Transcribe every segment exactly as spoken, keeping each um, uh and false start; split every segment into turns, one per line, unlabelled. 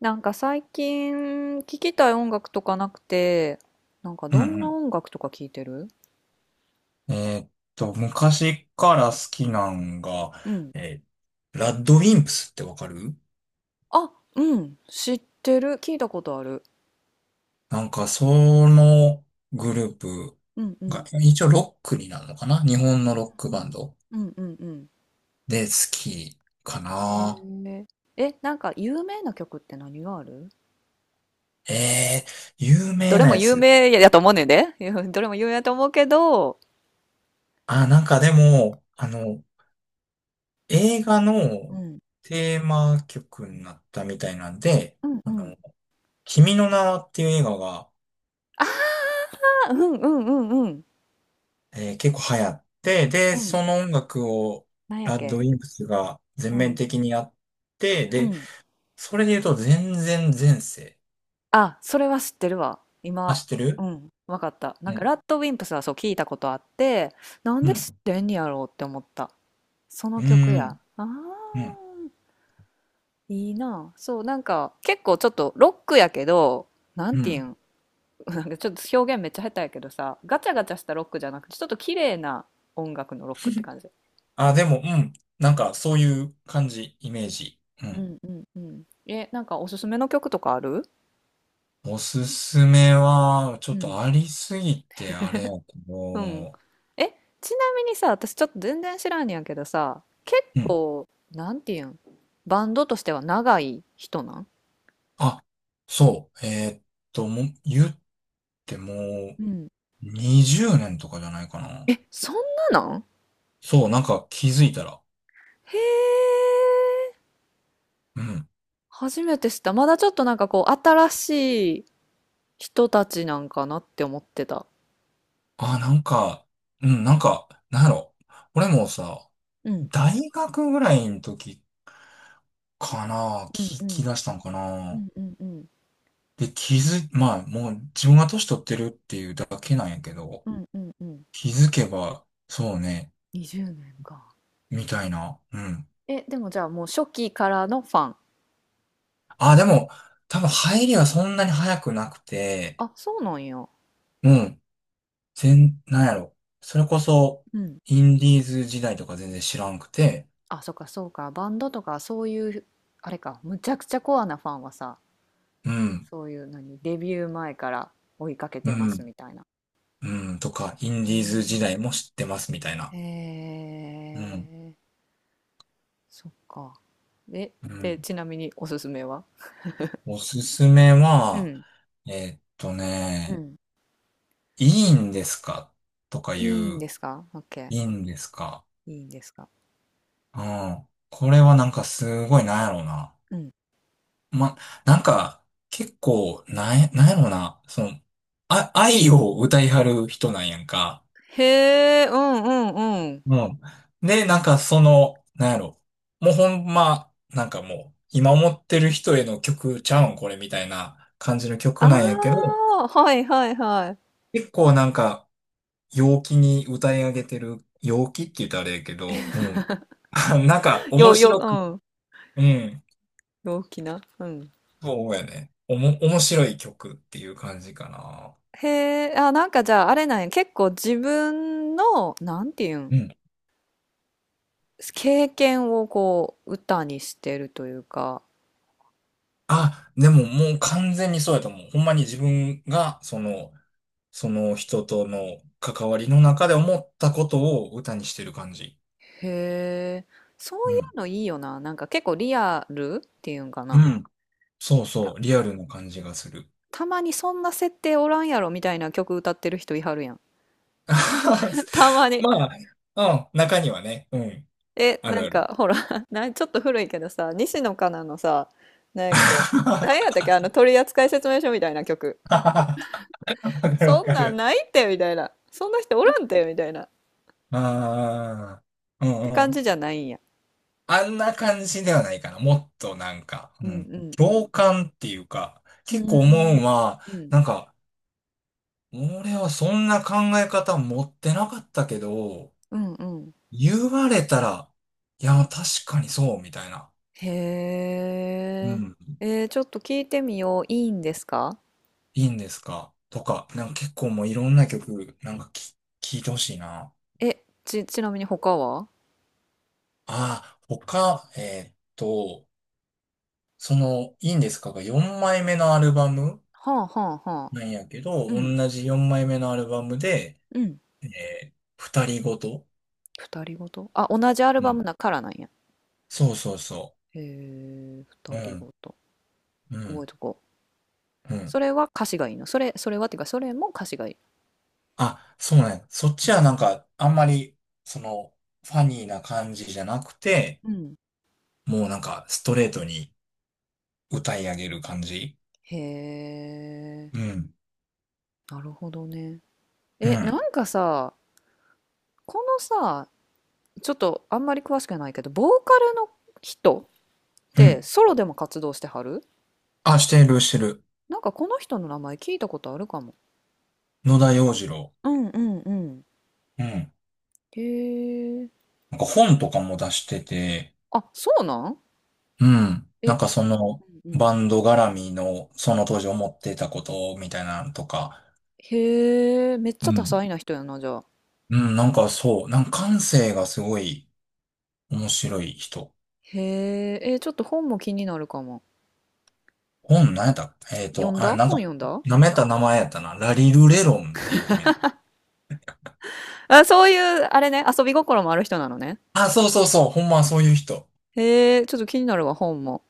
なんか最近聴きたい音楽とかなくて、なんか
うん
どん
う
な
ん。
音楽とか聴いてる？
えーっと、昔から好きなんが、
うん。
えーラッドウィンプスってわかる？
あ、うん。知ってる。聞いたことある。
なんか、そのグループ
うんう
が、
ん。
一応ロックになるのかな。日本のロッ
う
クバン
ん
ド
うんうんうん。
で好きか
へ
な。
え。え、なんか有名な曲って何がある？
えー、有
まあど
名
れ
な
も
や
有
つ。
名やと思うねんで。どれも有名やと思うけど。
あ、なんかでも、あの、映画
う
の
ん。
テーマ曲になったみたいなんで、
うんう
あ
ん。
の、君の名はっていう映画が
あ、うんうんうんうん。
えー結構流行って、で、
うん。
その音楽を
なんやっ
ラッドウ
け。
ィンプスが全
う
面
ん。
的にやって、
う
で、
ん。
それで言うと全然前世。
あ、それは知ってるわ。
あ、
今、
知って
う
る？
ん、わかった。なん
う
か、
ん。
ラッドウィンプスはそう聞いたことあって、なん
う
で
ん。
知ってんやろうって思った。その
う
曲や。
ん。
ああ、
うん。
いいな。そう、なんか、結構ちょっとロックやけど、なん
う
ていう
ん。
ん、なんかちょっと表現めっちゃ下手やけどさ、ガチャガチャしたロックじゃなくて、ちょっと綺麗な音楽のロックって感じ。
あ、でも、うん。なんか、そういう感じ、イメージ。う
う
ん。
んうんうん。え、なんかおすすめの曲とかある？
おすすめは、ちょ
う
っ
ん。
とありすぎて、あれやけ
うん。
ど、
え、ちなみにさ、私ちょっと全然知らんねやけどさ、結
うん。
構、なんていうん、バンドとしては長い人なん？
あ、そう。えーっと、もう、言っても、
うん。
にじゅうねんとかじゃないかな。
え、そんななん、
そう、なんか気づいたら、
へえ、
うん。
初めて知った。まだちょっとなんかこう、新しい人たちなんかなって思ってた。
あ、なんか、うん、なんか、なんやろ。俺もさ、
うん。
大学ぐらいの時かな、
うんう
聞き
ん。
出したんか
う
な。
んうんうん。
で、気づ、まあ、もう自分が年取ってるっていうだけなんやけど、
うんうんうん。
気づけば、そうね、
にじゅうねんか。
みたいな。うん。
え、でもじゃあもう初期からのファン？
あ、でも、多分入りはそんなに早くなくて、
あ、そうなんや。
うん、全、なんやろ。それこそ、
うん。
インディーズ時代とか全然知らんくて、
あ、そっかそうか。バンドとかそういう、あれか、むちゃくちゃコアなファンはさ、
うん。
そういう何、デビュー前から追いかけ
う
てます
ん。
みたいな。
うん、とか、インデ
へ
ィーズ時代
え
も知ってますみたい
ー
な。
へ
うん、
え、そっか。え、
うん。
で、ちなみにおすすめは？
おすすめ
う
は、
ん。
えーっと
う
ね、
ん。
いいんですかとか
い
い
いん
う、
ですか？ OK。
いいんですか。
いいんですか？
うん。これはなんかすごいなんやろうな。
うん。
ま、なんか、結構、なんや、なんやろうな。その、あ、愛を歌いはる人なんやんか。
へえ、うんうんうん。
うん。で、なんかその、なんやろ。もうほんま、なんかもう、今思ってる人への曲ちゃうん、これみたいな感じの
あ
曲なんやけど、
あ、はいはいは
結構なんか、陽気に歌い上げてる、陽気って言ったらあれやけど、うん。なんか、
い。
面
よ、よ、
白く、
うん。
うん。
陽気な。うん。
そうやね。おも、面白い曲っていう感じかな。
へえ、あ、なんかじゃああれなんや、結構自分の、なんていうん、
うん。
経験をこう歌にしてるというか、
あ、でももう完全にそうやと思う。ほんまに自分が、その、その人との関わりの中で思ったことを歌にしてる感じ。
へえ、そう
う
い
ん。
うのいいよな。なんか結構リアルっていうんか
う
な。
ん。そうそう。リアルな感じがする。
たまにそんな設定おらんやろみたいな曲歌ってる人いはるやん。たまに。
まあ、うん。中にはね。うん。
え、
あ
な
る
ん
ある。
かほらな、ちょっと古いけどさ、西野カナのさ、なんやっけ、なんやっ たっけ、あの取扱説明書みたいな曲。
わかるわ
そん
か
なん
る。
ないってみたいな。そんな人おらんってみたいな。っ
ああ。う
て
んう
感じ
ん。
じゃないんや。
あんな感じではないかな。もっとなんか、
う
う
ん
ん。
うんう
共
ん。
感っていうか、
う
結構
ー
思うん
ん。
は、
うん。
なんか、俺はそんな考え方持ってなかったけど、
うんうん。
言われたら、いや、確かにそう、みたいな。う
へえ。
ん。
えー、ちょっと聞いてみよう。いいんですか？
いいんですかとか、なんか結構もういろんな曲、なんかき、聞いてほしいな。
え、ち、ちなみに他は？
ああ、他、えーっと、その、いいんですかがよんまいめのアルバム
はあはあはあ。
なんやけど、
うん。
同じよんまいめのアルバムで、
うん。
えー、二人ごと。
二人ごと、あ、同じアル
う
バ
ん。
ムだからなんや。
そうそうそ
へえ、二
う。う
人
ん、
ごと。
う
覚え
ん、
とこう。
うん。
それは歌詞がいいの？それ、それはっていうか、それも歌詞がいい？
あ、そうね。そっちはなんか、あんまり、その、ファニーな感じじゃなくて、
うん。
もうなんかストレートに歌い上げる感じ。
へえ。
うん。
なるほどね。
う
え、
ん。
なんかさ、このさ、ちょっとあんまり詳しくないけど、ボーカルの人っ
う
て
ん。
ソロでも活動してはる？
あ、してる、してる。
なんかこの人の名前聞いたことあるかも。
野田洋次郎。
うんうんうん。
うん。
へえ。
なんか本とかも出してて、
あ、そうなん？
うん。な
え、
んかその
うんうん。
バンド絡みのその当時思ってたことみたいなのとか。
へえ、めっち
う
ゃ多
ん。
彩な人やな、じゃあ。
うん、なんかそう。なんか感性がすごい面白い人。
へえ、えー、ちょっと本も気になるかも。
本何やったえっ
読
と、
ん
あ、
だ
なんか、
本、読んだ？
舐めた名前やったな。ラリルレロンっていう本やっ
あ、そういう、あれね、遊び心もある人なのね。
た。あ、そうそうそう。ほんまそういう人。
へえ、ちょっと気になるわ、本も。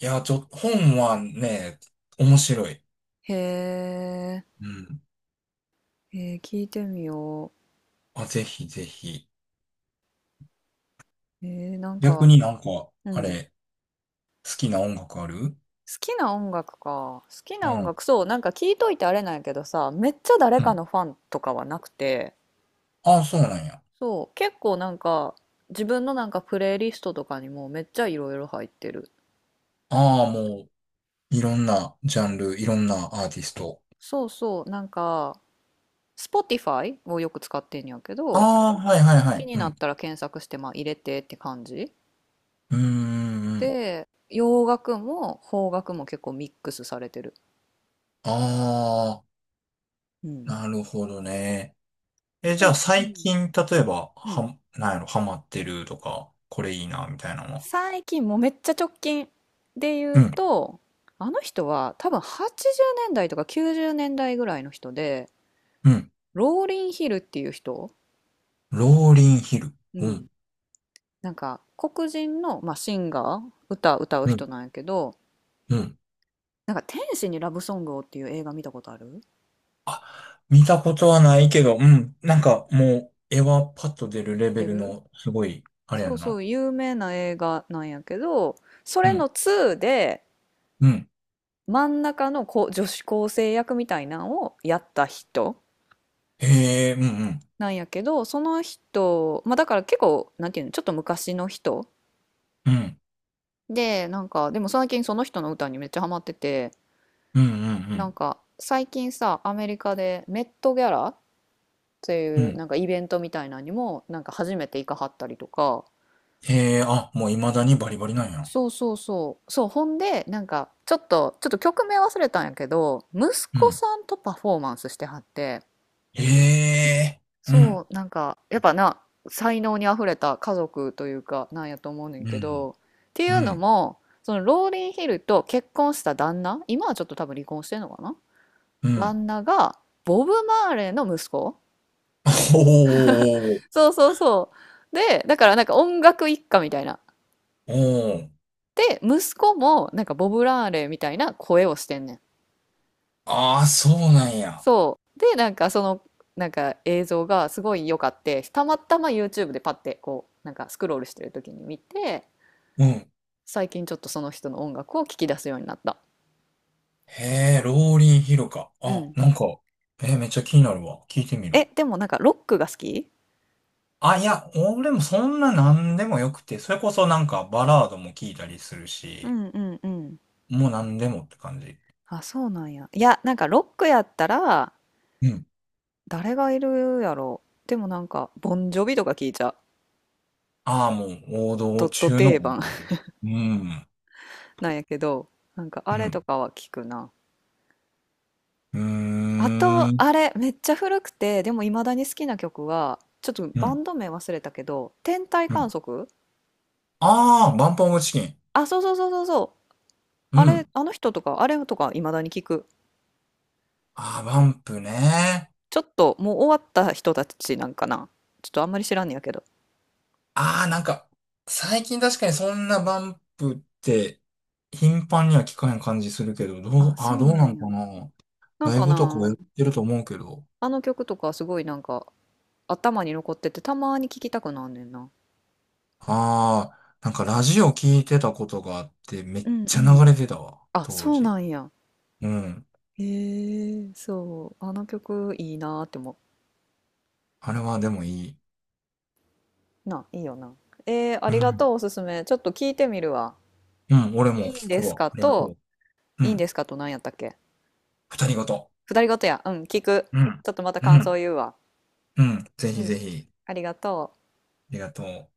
いや、ちょ、本はね、面白い。
へえ、
うん。
えー、聞いてみよ
あ、ぜひぜひ。
う。えー、なん
逆
か、
になんか、
う
あ
ん。
れ、好きな音楽ある？
好きな音楽か。好き
う
な音
ん。
楽、そう、なんか聞いといてあれなんやけどさ、めっちゃ誰
う
か
ん。
のファンとかはなくて、
ああ、そうなんや。
そう、結構なんか、自分のなんかプレイリストとかにもめっちゃいろいろ入ってる。
ああ、もう、いろんなジャンル、いろんなアーティスト。
そうそう、なんか、Spotify をよく使ってんやけ
あ
ど、
あ、はいはいは
気
い。
に
う
なっ
ん。
たら検索して、まあ入れてって感じ。
うーん。うん。
で、洋楽も邦楽も結構ミックスされてる。
あ
う
あ、
ん。
なるほどね。え、じ
で
ゃあ
も、う
最
ん。
近、例えば、
うん、
は、なんやろ、ハマってるとか、これいいな、みたいなのは。
最近もうめっちゃ直近で言
う
う
ん。
と、あの人は多分はちじゅうねんだいとかきゅうじゅうねんだいぐらいの人で、
うん。
ローリン・ヒルっていう人、
ローリンヒル。
う
う
ん、
ん。
なんか黒人の、まあ、シンガー、歌歌う
う
人
ん。
なんやけど、
うん。
なんか「天使にラブソングを」っていう映画見たことある？
あ、見たことはないけど、うん。なんかもう、絵はパッと出るレベ
出
ル
る？
の、すごい、あれや
そう
ん
そ
な。
う、有名な映画なんやけど、そ
う
れ
ん。
のツーで
うん。
真ん中のこ女子高生役みたいなんをやった人
へえ、うんうん。
なんやけど、その人、まあだから結構、なんていうの、ちょっと昔の人
うん。
で、なんか、でも最近その人の歌にめっちゃハマってて、
うんう
なん
ん
か最近さ、アメリカでメットギャラって
うん。
い
う
う
ん。
なんかイベントみたいなのにも、なんか初めて行かはったりとか、
へえ、あ、もう未だにバリバリなんや。
そうそうそう、そう、ほんで、なんかちょっと、ちょっと曲名忘れたんやけど、息
う
子
ん。
さんとパフォーマンスしてはって、
へえ、うん。
そう、なんか、やっぱな、才能にあふれた家族というか、なんやと思うねん
う
け
ん。
ど、ってい
う
うの
ん。
も、そのローリンヒルと結婚した旦那、今はちょっと多分離婚してんのかな、
うん。
旦那が、ボブ・マーレーの息子。
おー。
そうそうそう。で、だからなんか音楽一家みたいな。
おー。
で、息子もなんかボブ・ラーレーみたいな声をしてんねん。
ああ、そうなんや。
そう。で、なんかその、なんか映像がすごい良かって、たまたま YouTube でパッてこう、なんかスクロールしてる時に見て、
うん。
最近ちょっとその人の音楽を聞き出すようになった。
へえ、ローリンヒルか。
う
あ、
ん。
なんか、えーめっちゃ気になるわ。聞いてみ
え、
る。
でもなんかロックが好き？
あ、いや、俺もそんな何でもよくて、それこそなんかバラードも聞いたりする
う
し、
んうんうん。
もう何でもって感じ。
あ、そうなんや。いや、なんかロックやったら、
うん。
誰がいるやろ？でもなんか、ボンジョビとか聞いちゃう。
ああ、もう王
ド
道
ット
中の
定
王道
番
だね。うん。
なんやけど、なんか
う
あれ
ん。
とかは聞くな。
う
あ
ー
と、
ん。
あれ、めっちゃ古くて、でも未だに好きな曲は、ちょっと
う
バ
ん。
ンド名忘れたけど、天体
う
観
ん。
測。
ああ、バンプオブチキン。
あ、そうそうそうそうそう。
う
あれ、
ん。
あの人とか、あれとか未だに聞く。
ああ、バンプね。
ちょっともう終わった人たちなんかな。ちょっとあんまり知らんねやけど。
ああ、なんか、最近確かにそんなバンプって頻繁には聞かへん感じするけど、どう、
あ、
あ
そ
あ、ど
う
う
な
な
ん
ん
や。
かな。
なん
ライ
か
ブとかはや
な、
ってると思うけど。
あの曲とかすごいなんか頭に残っててたまに聴きたくなんねんな。
ああ、なんかラジオ聞いてたことがあって、め
う
っ
んう
ちゃ
ん。
流れてたわ、
あ、
当
そう
時。
なんや。
うん。
へえ、そう。あの曲いいなーって思
あれはでもいい。
う。な、いいよな。えー、あ
う
りがと
ん。
う、おすすめ。ちょっと聞いてみるわ。
うん、俺
い
も
いん
聞
で
く
す
わ。あ
か
りが
と、
とう。う
いいん
ん。
ですかと何やったっけ？
二人ごと。
二人ごとや。うん、聞く。
うん。
ちょっとまた
う
感
ん。
想言うわ。
うん。ぜ
う
ひ
ん、
ぜひ。
ありがとう。
ありがとう。